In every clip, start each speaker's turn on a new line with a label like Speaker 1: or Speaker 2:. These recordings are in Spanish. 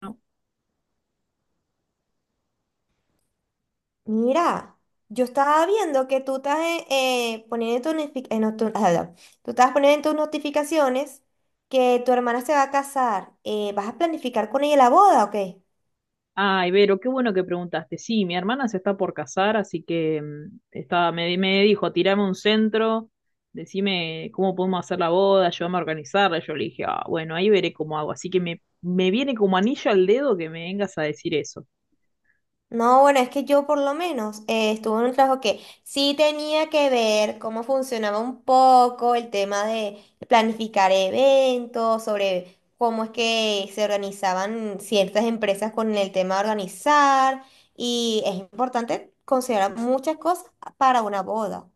Speaker 1: ¿No?
Speaker 2: Mira, yo estaba viendo que tú estás poniendo en tu notifi- en notu- ah, no. Tú estabas poniendo en tus notificaciones que tu hermana se va a casar. ¿Vas a planificar con ella la boda o qué?
Speaker 1: Ay, Vero, qué bueno que preguntaste. Sí, mi hermana se está por casar, así que estaba, me dijo, tirame un centro, decime cómo podemos hacer la boda, ayúdame a organizarla. Yo le dije, ah, bueno, ahí veré cómo hago. Así que me viene como anillo al dedo que me vengas a decir eso.
Speaker 2: No, bueno, es que yo por lo menos estuve en un trabajo que sí tenía que ver cómo funcionaba un poco el tema de planificar eventos, sobre cómo es que se organizaban ciertas empresas con el tema de organizar. Y es importante considerar muchas cosas para una boda.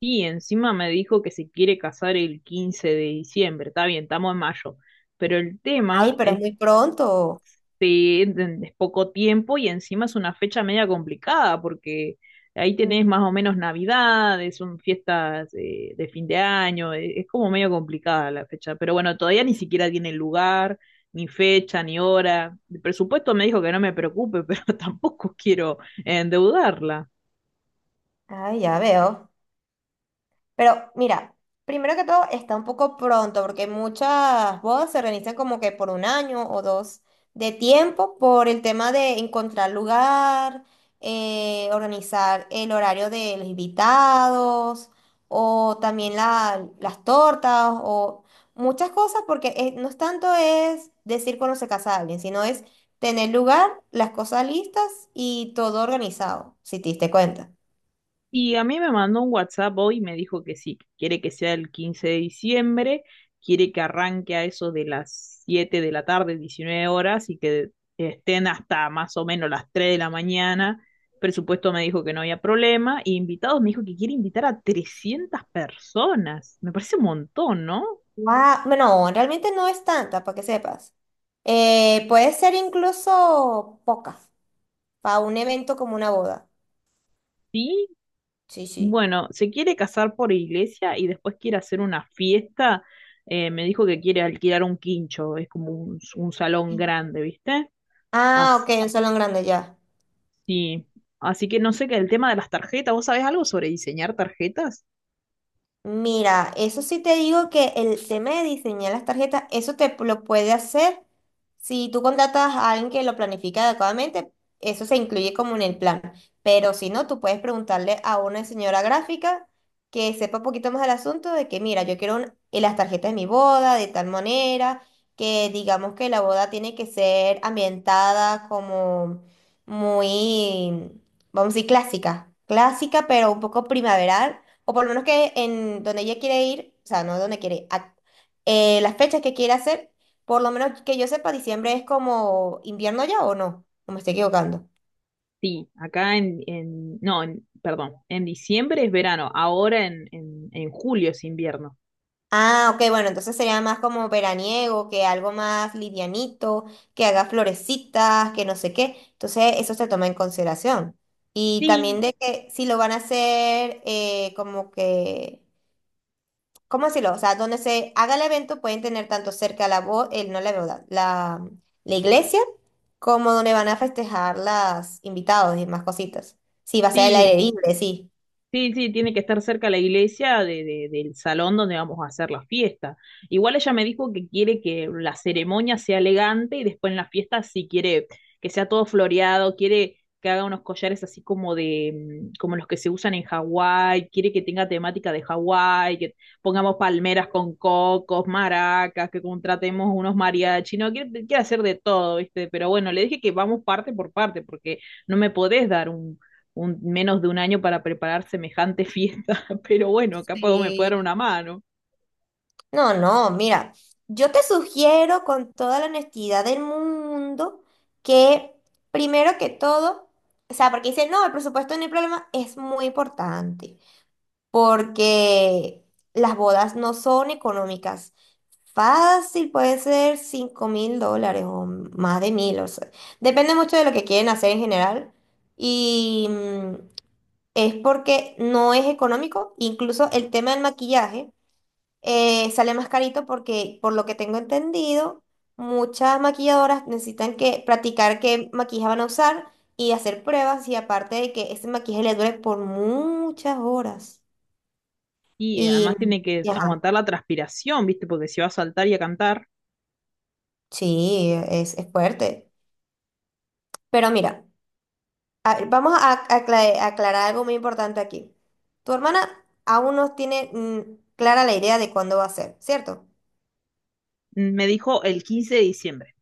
Speaker 1: Y encima me dijo que se quiere casar el 15 de diciembre. Está bien, estamos en mayo. Pero el
Speaker 2: Ay,
Speaker 1: tema
Speaker 2: pero es
Speaker 1: es.
Speaker 2: muy pronto.
Speaker 1: Sí, es poco tiempo y encima es una fecha media complicada porque ahí tenés más
Speaker 2: Mm.
Speaker 1: o menos Navidades, son fiestas de fin de año, es como medio complicada la fecha, pero bueno, todavía ni siquiera tiene lugar, ni fecha, ni hora. El presupuesto me dijo que no me preocupe, pero tampoco quiero endeudarla.
Speaker 2: Ay, ya veo. Pero mira, primero que todo está un poco pronto porque muchas bodas se organizan como que por un año o dos de tiempo por el tema de encontrar lugar, organizar el horario de los invitados o también las tortas o muchas cosas porque no es tanto es decir cuando se casa alguien, sino es tener lugar, las cosas listas y todo organizado, si te diste cuenta.
Speaker 1: Y a mí me mandó un WhatsApp hoy y me dijo que sí, que quiere que sea el 15 de diciembre, quiere que arranque a eso de las 7 de la tarde, 19 horas, y que estén hasta más o menos las 3 de la mañana. Presupuesto me dijo que no había problema, y invitados me dijo que quiere invitar a 300 personas. Me parece un montón, ¿no?
Speaker 2: Guau, no, realmente no es tanta, para que sepas. Puede ser incluso poca, para un evento como una boda.
Speaker 1: Sí,
Speaker 2: Sí, sí.
Speaker 1: bueno, se quiere casar por iglesia y después quiere hacer una fiesta. Me dijo que quiere alquilar un quincho, es como un salón
Speaker 2: Mm.
Speaker 1: grande, ¿viste?
Speaker 2: Ah, ok,
Speaker 1: Así,
Speaker 2: un salón grande ya.
Speaker 1: sí. Así que no sé qué, el tema de las tarjetas, ¿vos sabés algo sobre diseñar tarjetas?
Speaker 2: Mira, eso sí te digo que el tema de diseñar las tarjetas, eso te lo puede hacer si tú contratas a alguien que lo planifica adecuadamente, eso se incluye como en el plan. Pero si no, tú puedes preguntarle a una señora gráfica que sepa un poquito más del asunto de que, mira, yo quiero las tarjetas de mi boda de tal manera que digamos que la boda tiene que ser ambientada como muy, vamos a decir, clásica. Clásica, pero un poco primaveral o por lo menos que en donde ella quiere ir, o sea, no donde quiere, ir, las fechas que quiere hacer, por lo menos que yo sepa, diciembre es como invierno ya o no, o me estoy equivocando.
Speaker 1: Sí, acá en- no, en- perdón, en diciembre es verano, ahora en julio es invierno.
Speaker 2: Ah, ok, bueno, entonces sería más como veraniego, que algo más livianito, que haga florecitas, que no sé qué. Entonces eso se toma en consideración. Y también
Speaker 1: Sí,
Speaker 2: de que si lo van a hacer como que, ¿cómo decirlo? O sea, donde se haga el evento pueden tener tanto cerca el, no la boda, la iglesia, como donde van a festejar las invitados y más cositas. Sí, va a ser el aire
Speaker 1: sí.
Speaker 2: libre, sí.
Speaker 1: Sí, sí, tiene que estar cerca la iglesia del salón donde vamos a hacer la fiesta. Igual ella me dijo que quiere que la ceremonia sea elegante y después en la fiesta sí quiere que sea todo floreado, quiere que haga unos collares así como de, mm, como los que se usan en Hawái, quiere que tenga temática de Hawái, que pongamos palmeras con cocos, maracas, que contratemos unos mariachi, no, quiere hacer de todo, ¿viste? Pero bueno, le dije que vamos parte por parte porque no me podés dar un, menos de un año para preparar semejante fiesta, pero bueno, acá puedo, me puede dar
Speaker 2: Sí.
Speaker 1: una mano.
Speaker 2: No, no, mira, yo te sugiero con toda la honestidad del mundo que primero que todo, o sea, porque dicen, no, el presupuesto no hay problema, es muy importante, porque las bodas no son económicas. Fácil, puede ser $5.000 o más de 1.000, o sea, depende mucho de lo que quieren hacer en general. Y es porque no es económico, incluso el tema del maquillaje sale más carito porque, por lo que tengo entendido, muchas maquilladoras necesitan que practicar qué maquillaje van a usar y hacer pruebas y aparte de que ese maquillaje le dure por muchas horas.
Speaker 1: Y
Speaker 2: Y,
Speaker 1: además
Speaker 2: mm,
Speaker 1: tiene que
Speaker 2: y ajá,
Speaker 1: aguantar la transpiración, ¿viste? Porque se va a saltar y a cantar.
Speaker 2: sí, es fuerte. Pero mira. A ver, vamos a aclarar algo muy importante aquí. Tu hermana aún no tiene clara la idea de cuándo va a ser, ¿cierto?
Speaker 1: Mm, me dijo el 15 de diciembre.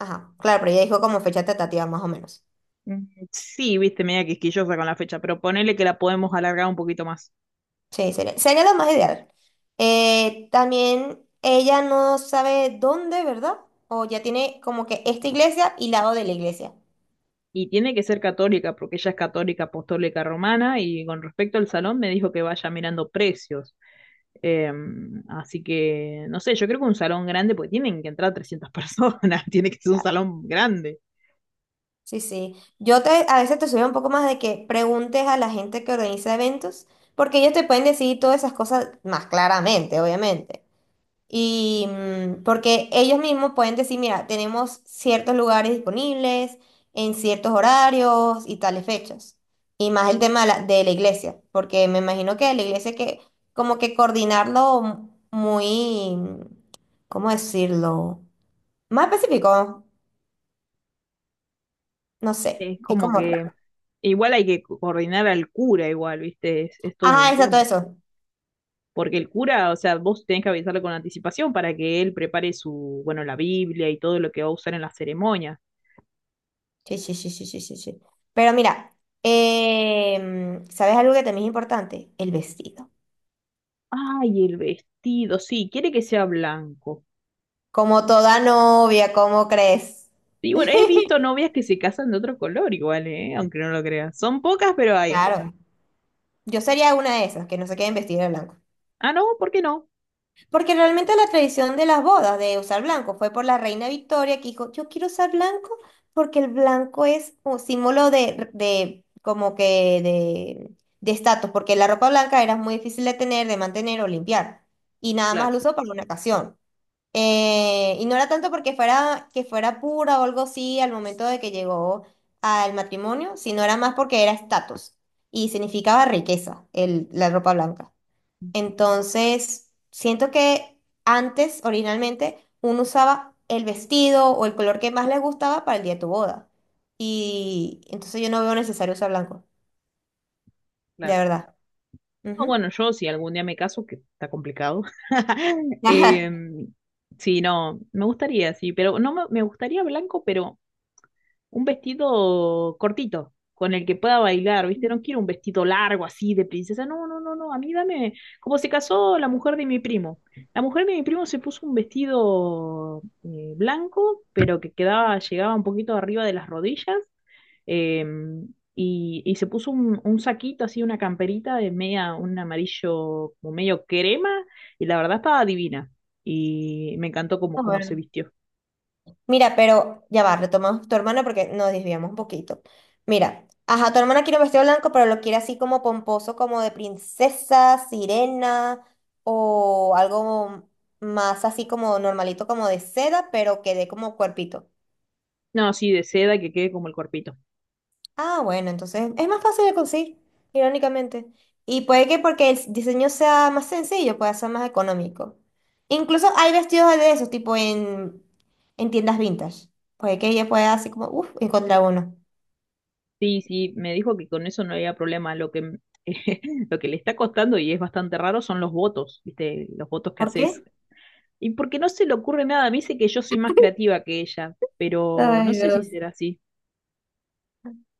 Speaker 2: Ajá, claro, pero ella dijo como fecha tentativa más o menos.
Speaker 1: Mm, sí, viste, media quisquillosa con la fecha, pero ponele que la podemos alargar un poquito más.
Speaker 2: Sí, sería, sería lo más ideal. También ella no sabe dónde, ¿verdad? O ya tiene como que esta iglesia y lado de la iglesia.
Speaker 1: Y tiene que ser católica, porque ella es católica apostólica romana, y con respecto al salón me dijo que vaya mirando precios. Así que, no sé, yo creo que un salón grande, porque tienen que entrar 300 personas, tiene que ser un
Speaker 2: Claro.
Speaker 1: salón grande.
Speaker 2: Sí, sí. Yo te, a veces te sugiero un poco más de que preguntes a la gente que organiza eventos, porque ellos te pueden decir todas esas cosas más claramente, obviamente. Y porque ellos mismos pueden decir, mira, tenemos ciertos lugares disponibles en ciertos horarios y tales fechas. Y más el tema de de la iglesia, porque me imagino que la iglesia hay que como que coordinarlo muy, ¿cómo decirlo? Más específico, no sé,
Speaker 1: Es
Speaker 2: es
Speaker 1: como
Speaker 2: como
Speaker 1: que
Speaker 2: raro.
Speaker 1: igual hay que coordinar al cura, igual, ¿viste? Es todo
Speaker 2: Ajá,
Speaker 1: un
Speaker 2: exacto
Speaker 1: tema.
Speaker 2: eso.
Speaker 1: Porque el cura, o sea, vos tenés que avisarle con anticipación para que él prepare su, bueno, la Biblia y todo lo que va a usar en la ceremonia.
Speaker 2: Sí, sí, sí, sí, sí, sí, sí. Pero mira, ¿sabes algo que también es importante? El vestido.
Speaker 1: Ay, el vestido, sí, quiere que sea blanco.
Speaker 2: Como toda novia, ¿cómo crees?
Speaker 1: Y bueno, he visto novias que se casan de otro color igual, ¿eh? Aunque no lo creas. Son pocas, pero hay.
Speaker 2: Claro, yo sería una de esas, que no se queden vestidas de blanco.
Speaker 1: Ah, no, ¿por qué no?
Speaker 2: Porque realmente la tradición de las bodas de usar blanco fue por la reina Victoria que dijo, yo quiero usar blanco porque el blanco es un símbolo de como que de estatus, porque la ropa blanca era muy difícil de tener, de mantener o limpiar. Y nada más
Speaker 1: Claro,
Speaker 2: lo usó para una ocasión. Y no era tanto porque fuera, que fuera pura o algo así al momento de que llegó al matrimonio, sino era más porque era estatus y significaba riqueza, el, la ropa blanca. Entonces, siento que antes, originalmente, uno usaba el vestido o el color que más le gustaba para el día de tu boda. Y entonces yo no veo necesario usar blanco, de
Speaker 1: claro.
Speaker 2: verdad.
Speaker 1: No,
Speaker 2: Ujú.
Speaker 1: bueno, yo si algún día me caso, que está complicado.
Speaker 2: Ajá.
Speaker 1: em, sí, no, me gustaría, sí, pero no me, me gustaría blanco, pero un vestido cortito, con el que pueda bailar, ¿viste? No quiero un vestido largo así de princesa. No, no, no, no. A mí dame, como se casó la mujer de mi primo. La mujer de mi primo se puso un vestido blanco, pero que quedaba, llegaba un poquito arriba de las rodillas. eh, y, y se puso un saquito así, una camperita de media, un amarillo como medio crema, y la verdad estaba divina. Y me encantó
Speaker 2: Ah,
Speaker 1: cómo se
Speaker 2: bueno.
Speaker 1: vistió.
Speaker 2: Mira, pero ya va, retomamos tu hermana porque nos desviamos un poquito. Mira, ajá, tu hermana quiere un vestido blanco, pero lo quiere así como pomposo, como de princesa, sirena o algo más así como normalito, como de seda, pero que dé como cuerpito.
Speaker 1: No, sí, de seda que quede como el cuerpito.
Speaker 2: Ah, bueno, entonces es más fácil de conseguir, irónicamente. Y puede que porque el diseño sea más sencillo, pueda ser más económico. Incluso hay vestidos de esos, tipo en tiendas vintage. Puede que ella pueda así como, uff, encontrar uno.
Speaker 1: Sí, sí, me dijo que con eso no había problema. Lo que le está costando y es bastante raro son los votos, ¿viste? Los votos que
Speaker 2: ¿Por
Speaker 1: haces.
Speaker 2: qué?
Speaker 1: Y porque no se le ocurre nada, me dice que yo soy más creativa que ella, pero no
Speaker 2: Ay,
Speaker 1: sé si
Speaker 2: Dios.
Speaker 1: será así.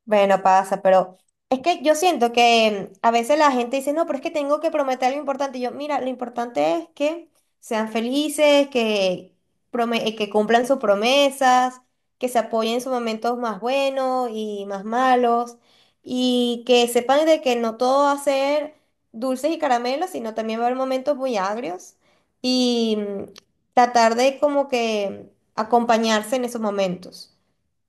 Speaker 2: Bueno, pasa, pero es que yo siento que a veces la gente dice, no, pero es que tengo que prometer algo importante. Y yo, mira, lo importante es que sean felices, que cumplan sus promesas, que se apoyen en sus momentos más buenos y más malos, y que sepan de que no todo va a ser dulces y caramelos, sino también va a haber momentos muy agrios. Y tratar de como que acompañarse en esos momentos.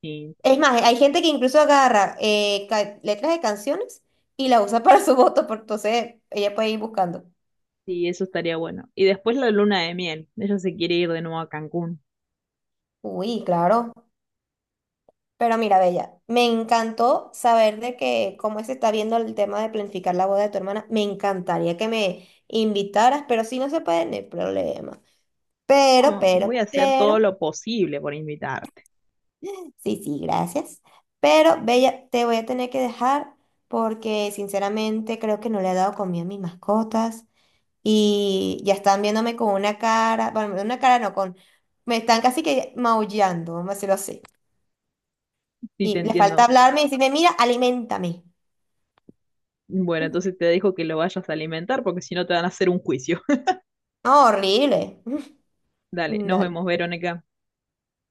Speaker 1: Sí.
Speaker 2: Es más, hay gente que incluso agarra letras de canciones y la usa para su voto, porque entonces ella puede ir buscando.
Speaker 1: Sí, eso estaría bueno. Y después la luna de miel. Ella se quiere ir de nuevo a Cancún.
Speaker 2: Uy, claro. Pero mira, Bella, me encantó saber de que cómo se está viendo el tema de planificar la boda de tu hermana. Me encantaría que me invitaras, pero si no se puede, no hay problema. Pero,
Speaker 1: Como, voy
Speaker 2: pero,
Speaker 1: a hacer todo
Speaker 2: pero,
Speaker 1: lo posible por invitarte.
Speaker 2: sí, sí, gracias. Pero, Bella, te voy a tener que dejar porque sinceramente creo que no le he dado comida a mis mascotas. Y ya están viéndome con una cara, bueno, una cara no, con, me están casi que maullando, vamos a decirlo así.
Speaker 1: Sí, te
Speaker 2: Y le falta
Speaker 1: entiendo.
Speaker 2: hablarme y decirme, mira, aliméntame.
Speaker 1: Bueno, entonces te dejo que lo vayas a alimentar porque si no te van a hacer un juicio.
Speaker 2: No, horrible.
Speaker 1: Dale, nos
Speaker 2: Dale,
Speaker 1: vemos, Verónica.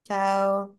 Speaker 2: chao.